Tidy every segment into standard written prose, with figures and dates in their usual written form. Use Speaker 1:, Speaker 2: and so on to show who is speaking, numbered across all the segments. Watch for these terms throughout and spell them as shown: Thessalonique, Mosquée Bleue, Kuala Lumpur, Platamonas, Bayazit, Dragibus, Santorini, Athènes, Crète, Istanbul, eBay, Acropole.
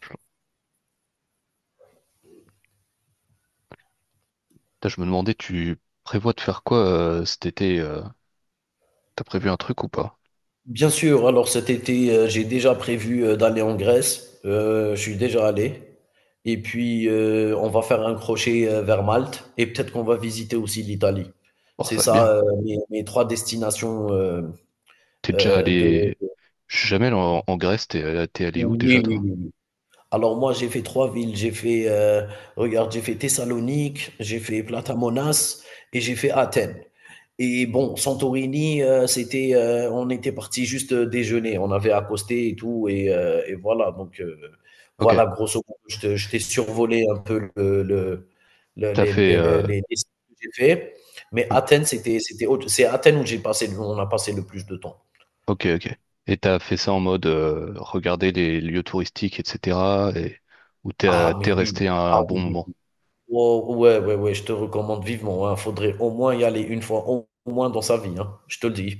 Speaker 1: Putain, je me demandais, tu prévois de faire quoi cet été. T'as prévu un truc ou pas?
Speaker 2: Bien sûr, alors cet été, j'ai déjà prévu, d'aller en Grèce, je suis déjà allé. Et puis, on va faire un crochet, vers Malte et peut-être qu'on va visiter aussi l'Italie.
Speaker 1: Bon,
Speaker 2: C'est
Speaker 1: ça va être bien.
Speaker 2: ça, mes 3 destinations,
Speaker 1: T'es déjà
Speaker 2: de
Speaker 1: allé. Je suis jamais allé en Grèce, t'es allé où déjà
Speaker 2: oui, oui,
Speaker 1: toi?
Speaker 2: oui, oui. Alors moi, j'ai fait trois villes. J'ai fait, regarde, j'ai fait Thessalonique, j'ai fait Platamonas et j'ai fait Athènes. Et bon, Santorini, c'était, on était parti juste déjeuner. On avait accosté et tout. Et voilà, donc
Speaker 1: Ok.
Speaker 2: voilà, grosso modo, je t'ai survolé un peu
Speaker 1: t'as fait... euh,
Speaker 2: les sites que j'ai fait. Mais
Speaker 1: ouais,
Speaker 2: Athènes, c'est à Athènes où on a passé le plus de temps.
Speaker 1: ok, ok. Et t'as fait ça en mode, regarder les lieux touristiques, etc. Où t'es
Speaker 2: Ah,
Speaker 1: t'es
Speaker 2: mais oui.
Speaker 1: resté un,
Speaker 2: Ah
Speaker 1: un bon
Speaker 2: oui, oui.
Speaker 1: moment?
Speaker 2: Oh, ouais, ouais, ouais, je te recommande vivement, hein. Faudrait au moins y aller une fois, au moins dans sa vie, hein, je te le dis.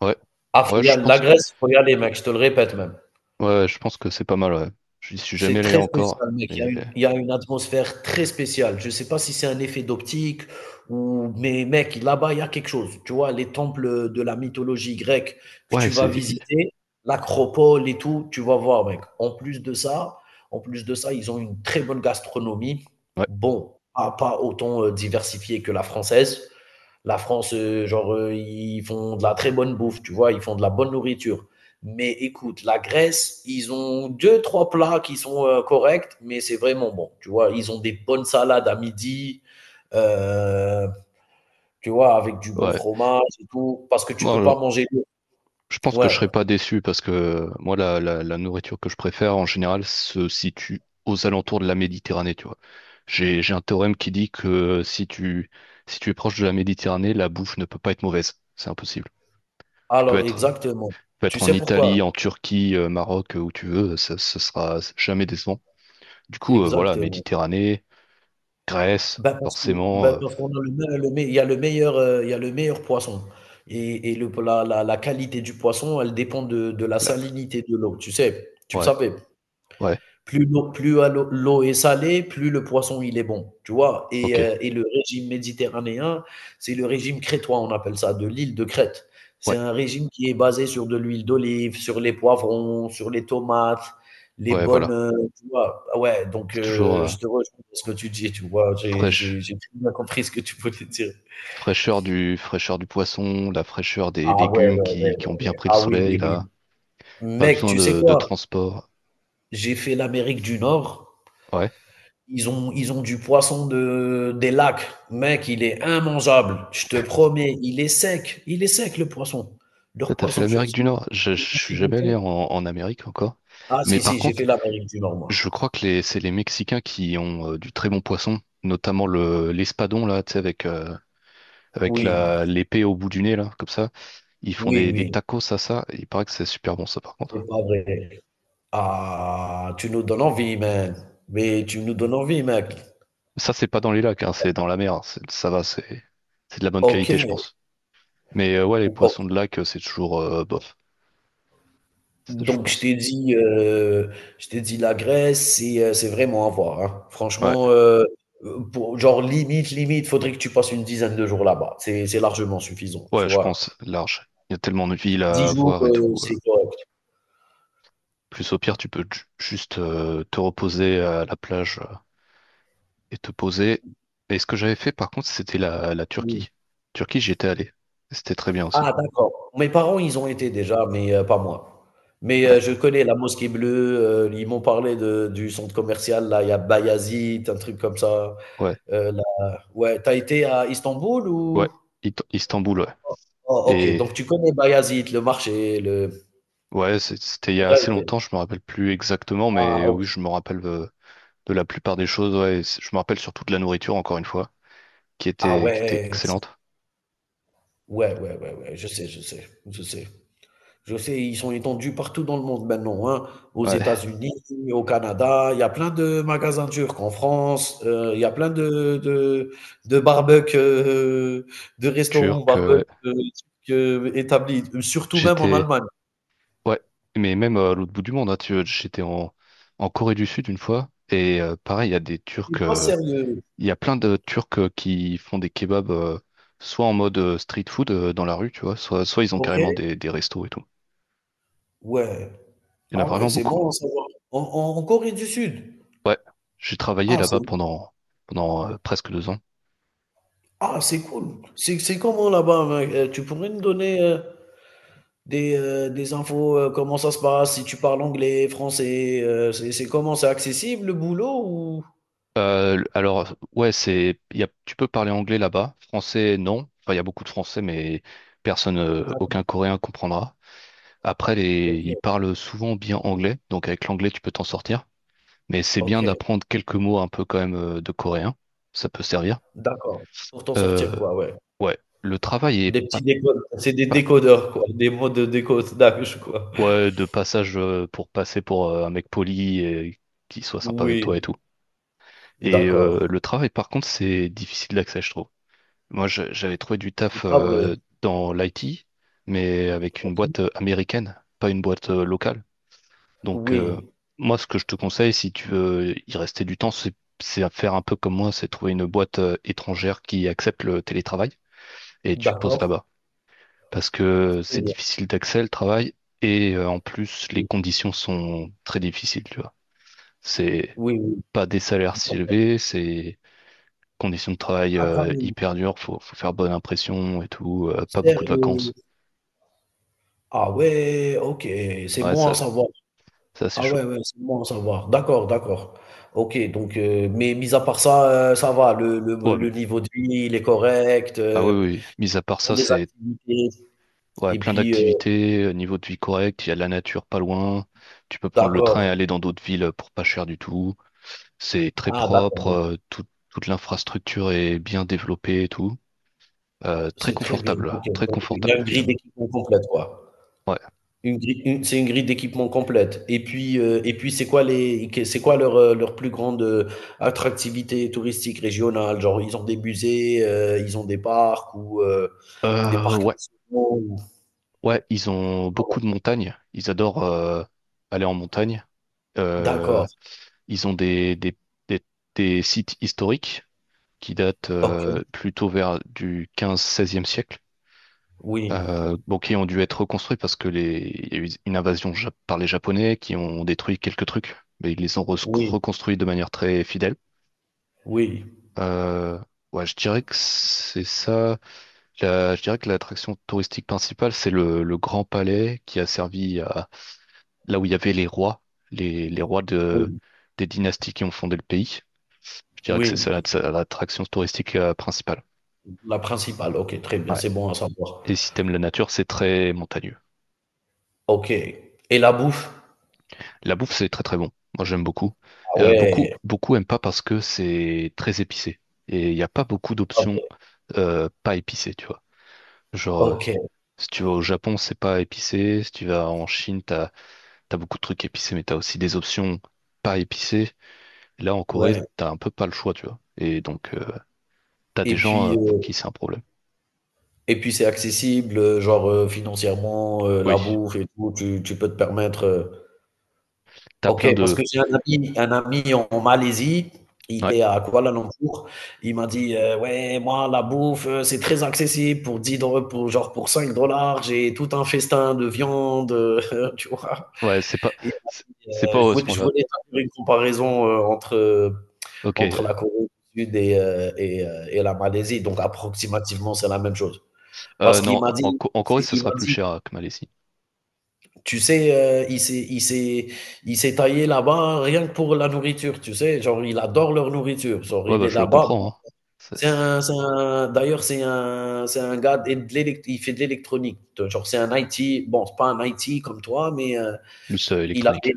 Speaker 1: Ouais,
Speaker 2: Ah, faut
Speaker 1: ouais,
Speaker 2: y
Speaker 1: je
Speaker 2: aller, la
Speaker 1: pense que.
Speaker 2: Grèce, faut y aller, mec, je te le répète même.
Speaker 1: Ouais, je pense que c'est pas mal, ouais. Je suis jamais
Speaker 2: C'est
Speaker 1: allé
Speaker 2: très
Speaker 1: encore,
Speaker 2: spécial, mec. Il y a
Speaker 1: mais.
Speaker 2: une il y a une atmosphère très spéciale. Je sais pas si c'est un effet d'optique ou mais mec, là-bas, il y a quelque chose. Tu vois, les temples, de la mythologie grecque que
Speaker 1: Ouais,
Speaker 2: tu vas
Speaker 1: c'est.
Speaker 2: visiter, l'acropole et tout, tu vas voir, mec. En plus de ça, ils ont une très bonne gastronomie.
Speaker 1: Ouais,
Speaker 2: Bon, pas autant, diversifiée que la française. La France, genre, ils font de la très bonne bouffe, tu vois, ils font de la bonne nourriture. Mais écoute, la Grèce, ils ont deux, trois plats qui sont corrects, mais c'est vraiment bon. Tu vois, ils ont des bonnes salades à midi, euh, tu vois, avec du bon
Speaker 1: ouais.
Speaker 2: fromage et tout, parce que tu
Speaker 1: Bon,
Speaker 2: peux pas
Speaker 1: alors.
Speaker 2: manger.
Speaker 1: Je pense que je
Speaker 2: Ouais,
Speaker 1: serais pas déçu parce que moi, la nourriture que je préfère en général se situe aux alentours de la Méditerranée, tu vois. J'ai un théorème qui dit que, si tu es proche de la Méditerranée, la bouffe ne peut pas être mauvaise. C'est impossible. Tu peux
Speaker 2: alors
Speaker 1: être, tu
Speaker 2: exactement.
Speaker 1: peux
Speaker 2: Tu
Speaker 1: être en
Speaker 2: sais pourquoi?
Speaker 1: Italie, en Turquie, Maroc, où tu veux, ça sera jamais décevant. Du coup, voilà,
Speaker 2: Exactement.
Speaker 1: Méditerranée, Grèce,
Speaker 2: Bah, parce que
Speaker 1: forcément,
Speaker 2: bah, parce qu'on a le me il y a le meilleur poisson et le la la la qualité du poisson, elle dépend de la
Speaker 1: la,
Speaker 2: salinité de l'eau, tu sais? Tu le
Speaker 1: ouais,
Speaker 2: savais?
Speaker 1: ouais,
Speaker 2: Plus l'eau plus à l'eau l'eau est salée, plus le poisson il est bon, tu vois? Et
Speaker 1: ok,
Speaker 2: heu et le régime méditerranéen, c'est le régime crétois, on appelle ça, de l'île de Crète. C'est
Speaker 1: ouais,
Speaker 2: un régime qui est basé sur de l'huile d'olive, sur les poivrons, sur les tomates, les
Speaker 1: ouais,
Speaker 2: bonnes,
Speaker 1: voilà.
Speaker 2: tu vois? Ouais, donc
Speaker 1: C'est toujours,
Speaker 2: je te rejoins dans ce que tu dis, tu vois? J'ai
Speaker 1: fraîche.
Speaker 2: j'ai j'ai très bien compris ce que tu voulais dire.
Speaker 1: Fraîcheur du poisson, la fraîcheur des
Speaker 2: Ah ouais,
Speaker 1: légumes
Speaker 2: ouais, ouais,
Speaker 1: qui
Speaker 2: ouais.
Speaker 1: ont bien pris le
Speaker 2: Ah oui,
Speaker 1: soleil,
Speaker 2: oui, oui.
Speaker 1: là. Pas
Speaker 2: Mec,
Speaker 1: besoin
Speaker 2: tu sais
Speaker 1: de
Speaker 2: quoi?
Speaker 1: transport.
Speaker 2: J'ai fait l'Amérique du Nord.
Speaker 1: Ouais.
Speaker 2: Ils ont du poisson des lacs. Mec, il est immangeable. Je te promets, il est sec. Il est sec, le poisson.
Speaker 1: Toi,
Speaker 2: Leur
Speaker 1: t'as fait
Speaker 2: poisson, je
Speaker 1: l'Amérique du Nord. Je
Speaker 2: on fait
Speaker 1: suis jamais
Speaker 2: goûter.
Speaker 1: allé en Amérique encore.
Speaker 2: Ah,
Speaker 1: Mais
Speaker 2: si,
Speaker 1: par
Speaker 2: si, j'ai
Speaker 1: contre,
Speaker 2: fait l'Amérique du Nord,
Speaker 1: je
Speaker 2: moi.
Speaker 1: crois que c'est les Mexicains qui ont, du très bon poisson, notamment l'espadon, là, tu sais, avec
Speaker 2: Oui,
Speaker 1: l'épée au bout du nez, là, comme ça. Ils font
Speaker 2: oui,
Speaker 1: des
Speaker 2: oui.
Speaker 1: tacos à ça. Il paraît que c'est super bon, ça, par contre.
Speaker 2: C'est pas vrai. Ah, tu nous donnes envie, man. Mais tu nous donnes envie, mec.
Speaker 1: Ça, c'est pas dans les lacs, hein, c'est dans la mer. Ça va, c'est de la bonne
Speaker 2: OK.
Speaker 1: qualité, je pense. Mais ouais, les poissons
Speaker 2: Ok.
Speaker 1: de lac, c'est toujours, bof. Je
Speaker 2: Donc je
Speaker 1: pense.
Speaker 2: t'ai dit, heu, je t'ai dit la Grèce, c'est vraiment à voir, hein.
Speaker 1: Ouais,
Speaker 2: Franchement, pour genre limite, limite, faudrait que tu passes une dizaine de jours là-bas. C'est largement suffisant,
Speaker 1: ouais,
Speaker 2: tu
Speaker 1: je
Speaker 2: vois?
Speaker 1: pense, large. Il y a tellement de villes
Speaker 2: 10
Speaker 1: à
Speaker 2: jours,
Speaker 1: voir et tout.
Speaker 2: c'est correct.
Speaker 1: Plus au pire, tu peux juste te reposer à la plage, et te poser. Et ce que j'avais fait, par contre, c'était la
Speaker 2: Oui.
Speaker 1: Turquie. Turquie, j'y étais allé. C'était très bien aussi.
Speaker 2: Ah, d'accord. Mes parents, ils ont été déjà, mais, pas moi. Mais,
Speaker 1: Ouais,
Speaker 2: je connais la Mosquée Bleue, ils m'ont parlé de du centre commercial là, il y a Bayazit, un truc comme ça,
Speaker 1: ouais,
Speaker 2: la ouais, t'as été à Istanbul
Speaker 1: ouais.
Speaker 2: ou?
Speaker 1: Istanbul, ouais.
Speaker 2: Oh, OK,
Speaker 1: Et
Speaker 2: donc tu connais Bayazit, le marché, le
Speaker 1: ouais, c'était il y
Speaker 2: J'ai
Speaker 1: a
Speaker 2: déjà
Speaker 1: assez
Speaker 2: été.
Speaker 1: longtemps, je me rappelle plus exactement,
Speaker 2: Ah,
Speaker 1: mais oui,
Speaker 2: ok.
Speaker 1: je me rappelle, de la plupart des choses. Ouais. Et je me rappelle surtout de la nourriture, encore une fois, qui
Speaker 2: Ah
Speaker 1: était, qui était
Speaker 2: ouais,
Speaker 1: excellente.
Speaker 2: ouais, ouais, ouais, ouais, je sais, je sais, je sais. Je sais, ils sont étendus partout dans le monde maintenant, hein. Aux
Speaker 1: Ouais,
Speaker 2: États-Unis, au Canada, il y a plein de magasins turcs en France, il y a plein de barbecues, de restaurants
Speaker 1: Turc,
Speaker 2: barbecues turcs, établis, surtout même en
Speaker 1: j'étais.
Speaker 2: Allemagne.
Speaker 1: Ouais, mais même, à l'autre bout du monde, hein, j'étais en Corée du Sud une fois, et, pareil,
Speaker 2: C'est pas sérieux,
Speaker 1: Il y a plein de Turcs, qui font des kebabs, soit en mode, street food, dans la rue, tu vois, soit ils ont
Speaker 2: ok?
Speaker 1: carrément des restos et tout.
Speaker 2: Ouais.
Speaker 1: Il y en a
Speaker 2: Ah ouais,
Speaker 1: vraiment
Speaker 2: c'est
Speaker 1: beaucoup, hein.
Speaker 2: bon à savoir. En Corée du Sud.
Speaker 1: Ouais, j'ai travaillé
Speaker 2: Ah, c'est
Speaker 1: là-bas pendant, presque deux ans.
Speaker 2: Ah, c'est cool. C'est comment là-bas, mec? Tu pourrais me donner, des infos, comment ça se passe? Si tu parles anglais, français, c'est comment? C'est accessible le boulot ou?
Speaker 1: Alors, ouais, c'est, il y a, tu peux parler anglais là-bas. Français, non. Enfin, il y a beaucoup de français, mais personne, aucun
Speaker 2: D'accord,
Speaker 1: Coréen comprendra. Après, ils
Speaker 2: OK,
Speaker 1: parlent souvent bien anglais, donc avec l'anglais, tu peux t'en sortir. Mais c'est bien
Speaker 2: OK,
Speaker 1: d'apprendre quelques mots un peu quand même, de coréen. Ça peut servir.
Speaker 2: d'accord. Pour t'en sortir
Speaker 1: Euh,
Speaker 2: quoi, ouais.
Speaker 1: ouais, le travail est
Speaker 2: Des petits
Speaker 1: pas,
Speaker 2: décodes, c'est des
Speaker 1: pas,
Speaker 2: décodeurs quoi, des mots de décode d'âge quoi.
Speaker 1: ouais, de passage, pour passer pour, un mec poli et qui soit sympa avec toi et
Speaker 2: Oui,
Speaker 1: tout. Et
Speaker 2: d'accord.
Speaker 1: le travail, par contre, c'est difficile d'accès, je trouve. Moi, j'avais trouvé du
Speaker 2: C'est
Speaker 1: taf,
Speaker 2: pas vrai.
Speaker 1: dans l'IT, mais avec une boîte,
Speaker 2: OK.
Speaker 1: américaine, pas une boîte, locale. Donc,
Speaker 2: Oui,
Speaker 1: moi, ce que je te conseille, si tu veux y rester du temps, c'est à faire un peu comme moi, c'est trouver une boîte, étrangère qui accepte le télétravail et tu te poses
Speaker 2: d'accord.
Speaker 1: là-bas. Parce que
Speaker 2: Très
Speaker 1: c'est
Speaker 2: bien.
Speaker 1: difficile d'accès, le travail, et, en plus, les
Speaker 2: Oui,
Speaker 1: conditions sont très difficiles, tu vois. C'est
Speaker 2: oui, oui.
Speaker 1: pas des salaires si élevés, c'est conditions de travail,
Speaker 2: Ah, carrément.
Speaker 1: hyper dures, faut faire bonne impression et tout, pas beaucoup de
Speaker 2: Sérieux?
Speaker 1: vacances.
Speaker 2: Ah ouais, OK, c'est
Speaker 1: Ouais,
Speaker 2: bon à
Speaker 1: ça,
Speaker 2: savoir.
Speaker 1: ça c'est
Speaker 2: Ah ouais,
Speaker 1: chaud.
Speaker 2: ouais, c'est bon à savoir. D'accord, d'accord. OK, donc mais mis à part ça, ça va, le le
Speaker 1: Ouais,
Speaker 2: le
Speaker 1: mais.
Speaker 2: niveau de vie, il est correct,
Speaker 1: Ah oui, oui, mis à part
Speaker 2: ils ont
Speaker 1: ça,
Speaker 2: des
Speaker 1: c'est
Speaker 2: activités
Speaker 1: ouais,
Speaker 2: et
Speaker 1: plein
Speaker 2: puis,
Speaker 1: d'activités, niveau de vie correct, il y a de la nature pas loin, tu peux prendre le train et
Speaker 2: d'accord.
Speaker 1: aller dans d'autres villes pour pas cher du tout. C'est très
Speaker 2: Ah, d'accord,
Speaker 1: propre,
Speaker 2: bon,
Speaker 1: toute l'infrastructure est bien développée et tout. Très
Speaker 2: c'est très bien.
Speaker 1: confortable,
Speaker 2: OK,
Speaker 1: très
Speaker 2: donc il y a
Speaker 1: confortable la
Speaker 2: une
Speaker 1: ville.
Speaker 2: grille d'équipement complète, quoi.
Speaker 1: Ouais.
Speaker 2: Une grille une c'est une grille d'équipement complète et puis c'est quoi leur plus grande, attractivité touristique régionale? Genre, ils ont des musées, ils ont des parcs ou, des
Speaker 1: Euh,
Speaker 2: parcs
Speaker 1: ouais,
Speaker 2: nationaux ou
Speaker 1: ouais, ils ont beaucoup
Speaker 2: comment?
Speaker 1: de montagnes, ils adorent, aller en montagne. Euh,
Speaker 2: D'accord,
Speaker 1: Ils ont des, des sites historiques qui datent,
Speaker 2: OK.
Speaker 1: plutôt vers du quinze 16e e siècle,
Speaker 2: Oui,
Speaker 1: bon, qui ont dû être reconstruits parce que il y a eu une invasion, par les Japonais qui ont détruit quelques trucs, mais ils les ont re-
Speaker 2: oui,
Speaker 1: reconstruits de manière très fidèle.
Speaker 2: oui,
Speaker 1: Euh, ouais, je dirais que c'est ça. Je dirais que l'attraction touristique principale, c'est le Grand Palais qui a servi à là où il y avait les rois, les rois
Speaker 2: oui,
Speaker 1: des dynasties qui ont fondé le pays. Je dirais que
Speaker 2: oui,
Speaker 1: c'est ça la l'attraction touristique, principale.
Speaker 2: la principale, OK, très bien,
Speaker 1: Ouais.
Speaker 2: c'est bon à savoir.
Speaker 1: Et si t'aimes la nature, c'est très montagneux.
Speaker 2: OK, et la bouffe?
Speaker 1: La bouffe, c'est très très bon. Moi, j'aime beaucoup.
Speaker 2: Ah
Speaker 1: Beaucoup,
Speaker 2: ouais,
Speaker 1: beaucoup aiment pas parce que c'est très épicé. Et il n'y a pas beaucoup
Speaker 2: Ah
Speaker 1: d'options,
Speaker 2: ouais.
Speaker 1: pas épicées, tu vois. Genre,
Speaker 2: OK,
Speaker 1: si tu vas au Japon, c'est pas épicé. Si tu vas en Chine, t'as beaucoup de trucs épicés, mais t'as aussi des options pas épicées. Là, en Corée,
Speaker 2: ouais,
Speaker 1: t'as un peu pas le choix, tu vois. Et donc, t'as des
Speaker 2: et
Speaker 1: gens,
Speaker 2: puis,
Speaker 1: pour
Speaker 2: heu
Speaker 1: qui c'est un problème.
Speaker 2: et puis c'est accessible, genre, financièrement,
Speaker 1: Oui.
Speaker 2: la bouffe et tout, tu peux te permettre.
Speaker 1: T'as
Speaker 2: OK,
Speaker 1: plein
Speaker 2: parce
Speaker 1: de.
Speaker 2: que j'ai un ami en Malaisie, il
Speaker 1: Ouais.
Speaker 2: est à Kuala Lumpur, il m'a dit: «Ouais, moi la bouffe, c'est très accessible pour 10 dollars, pour 5 dollars, j'ai tout un festin de viande», tu vois?
Speaker 1: Ouais, c'est pas, c'est c'est pas
Speaker 2: Je
Speaker 1: à ce
Speaker 2: voulais, je
Speaker 1: point-là.
Speaker 2: voulais faire une comparaison entre la
Speaker 1: Ok.
Speaker 2: Corée du Sud et la Malaisie. Donc, approximativement, c'est la même chose. Parce qu'il
Speaker 1: Non,
Speaker 2: m'a
Speaker 1: en,
Speaker 2: dit,
Speaker 1: Co- en Corée, ça
Speaker 2: il
Speaker 1: sera
Speaker 2: m'a
Speaker 1: plus
Speaker 2: dit,
Speaker 1: cher, que Malaisie.
Speaker 2: tu sais, il s'est taillé là-bas rien que pour la nourriture, tu sais. Genre, il adore leur nourriture. Genre,
Speaker 1: Ouais,
Speaker 2: il
Speaker 1: bah,
Speaker 2: est
Speaker 1: je le
Speaker 2: là-bas.
Speaker 1: comprends, hein. Ça, c'est
Speaker 2: D'ailleurs, c'est un gars, il fait de l'électronique. Genre, c'est un IT. Bon, c'est pas un IT comme toi, mais
Speaker 1: plus,
Speaker 2: Il a
Speaker 1: électronique.
Speaker 2: fait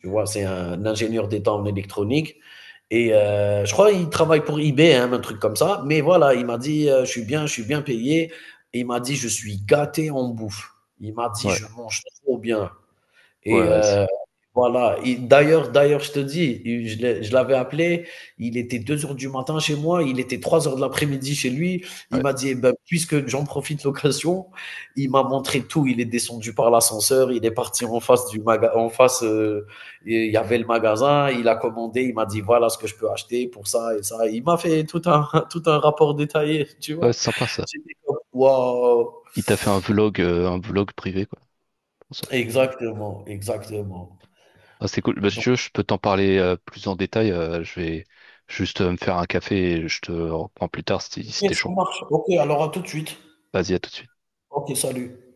Speaker 2: tu vois, c'est un ingénieur d'État en électronique. Et je crois qu'il travaille pour eBay, hein, un truc comme ça. Mais voilà, il m'a dit, je suis bien payé. Et il m'a dit, je suis gâté en bouffe. Il m'a dit,
Speaker 1: Ouais,
Speaker 2: je mange trop bien.
Speaker 1: ouais,
Speaker 2: Et
Speaker 1: ouais, c'est
Speaker 2: heu, voilà, et d'ailleurs, je te dis, je l'avais appelé, il était 2 heures du matin chez moi, il était 3 heures de l'après-midi chez lui. Il
Speaker 1: ouais.
Speaker 2: m'a dit: «Eh ben, puisque j'en profite l'occasion», il m'a montré tout. Il est descendu par l'ascenseur, il est parti en face du magasin. Et il y avait le magasin, il a commandé, il m'a dit: «Voilà ce que je peux acheter pour ça et ça». Il m'a fait tout un tout un rapport détaillé, tu
Speaker 1: Ouais,
Speaker 2: vois?
Speaker 1: c'est sympa ça.
Speaker 2: J'étais comme: «Waouh!»
Speaker 1: Il t'a fait un vlog privé, quoi. Trop sympa.
Speaker 2: Exactement, exactement.
Speaker 1: Ah, c'est cool. Bah, si tu veux, je peux t'en parler, plus en détail. Je vais juste, me faire un café et je te reprends plus tard, si
Speaker 2: OK,
Speaker 1: t'es
Speaker 2: ça
Speaker 1: chaud.
Speaker 2: marche. OK, alors à tout de suite.
Speaker 1: Vas-y, à tout de suite.
Speaker 2: OK, salut.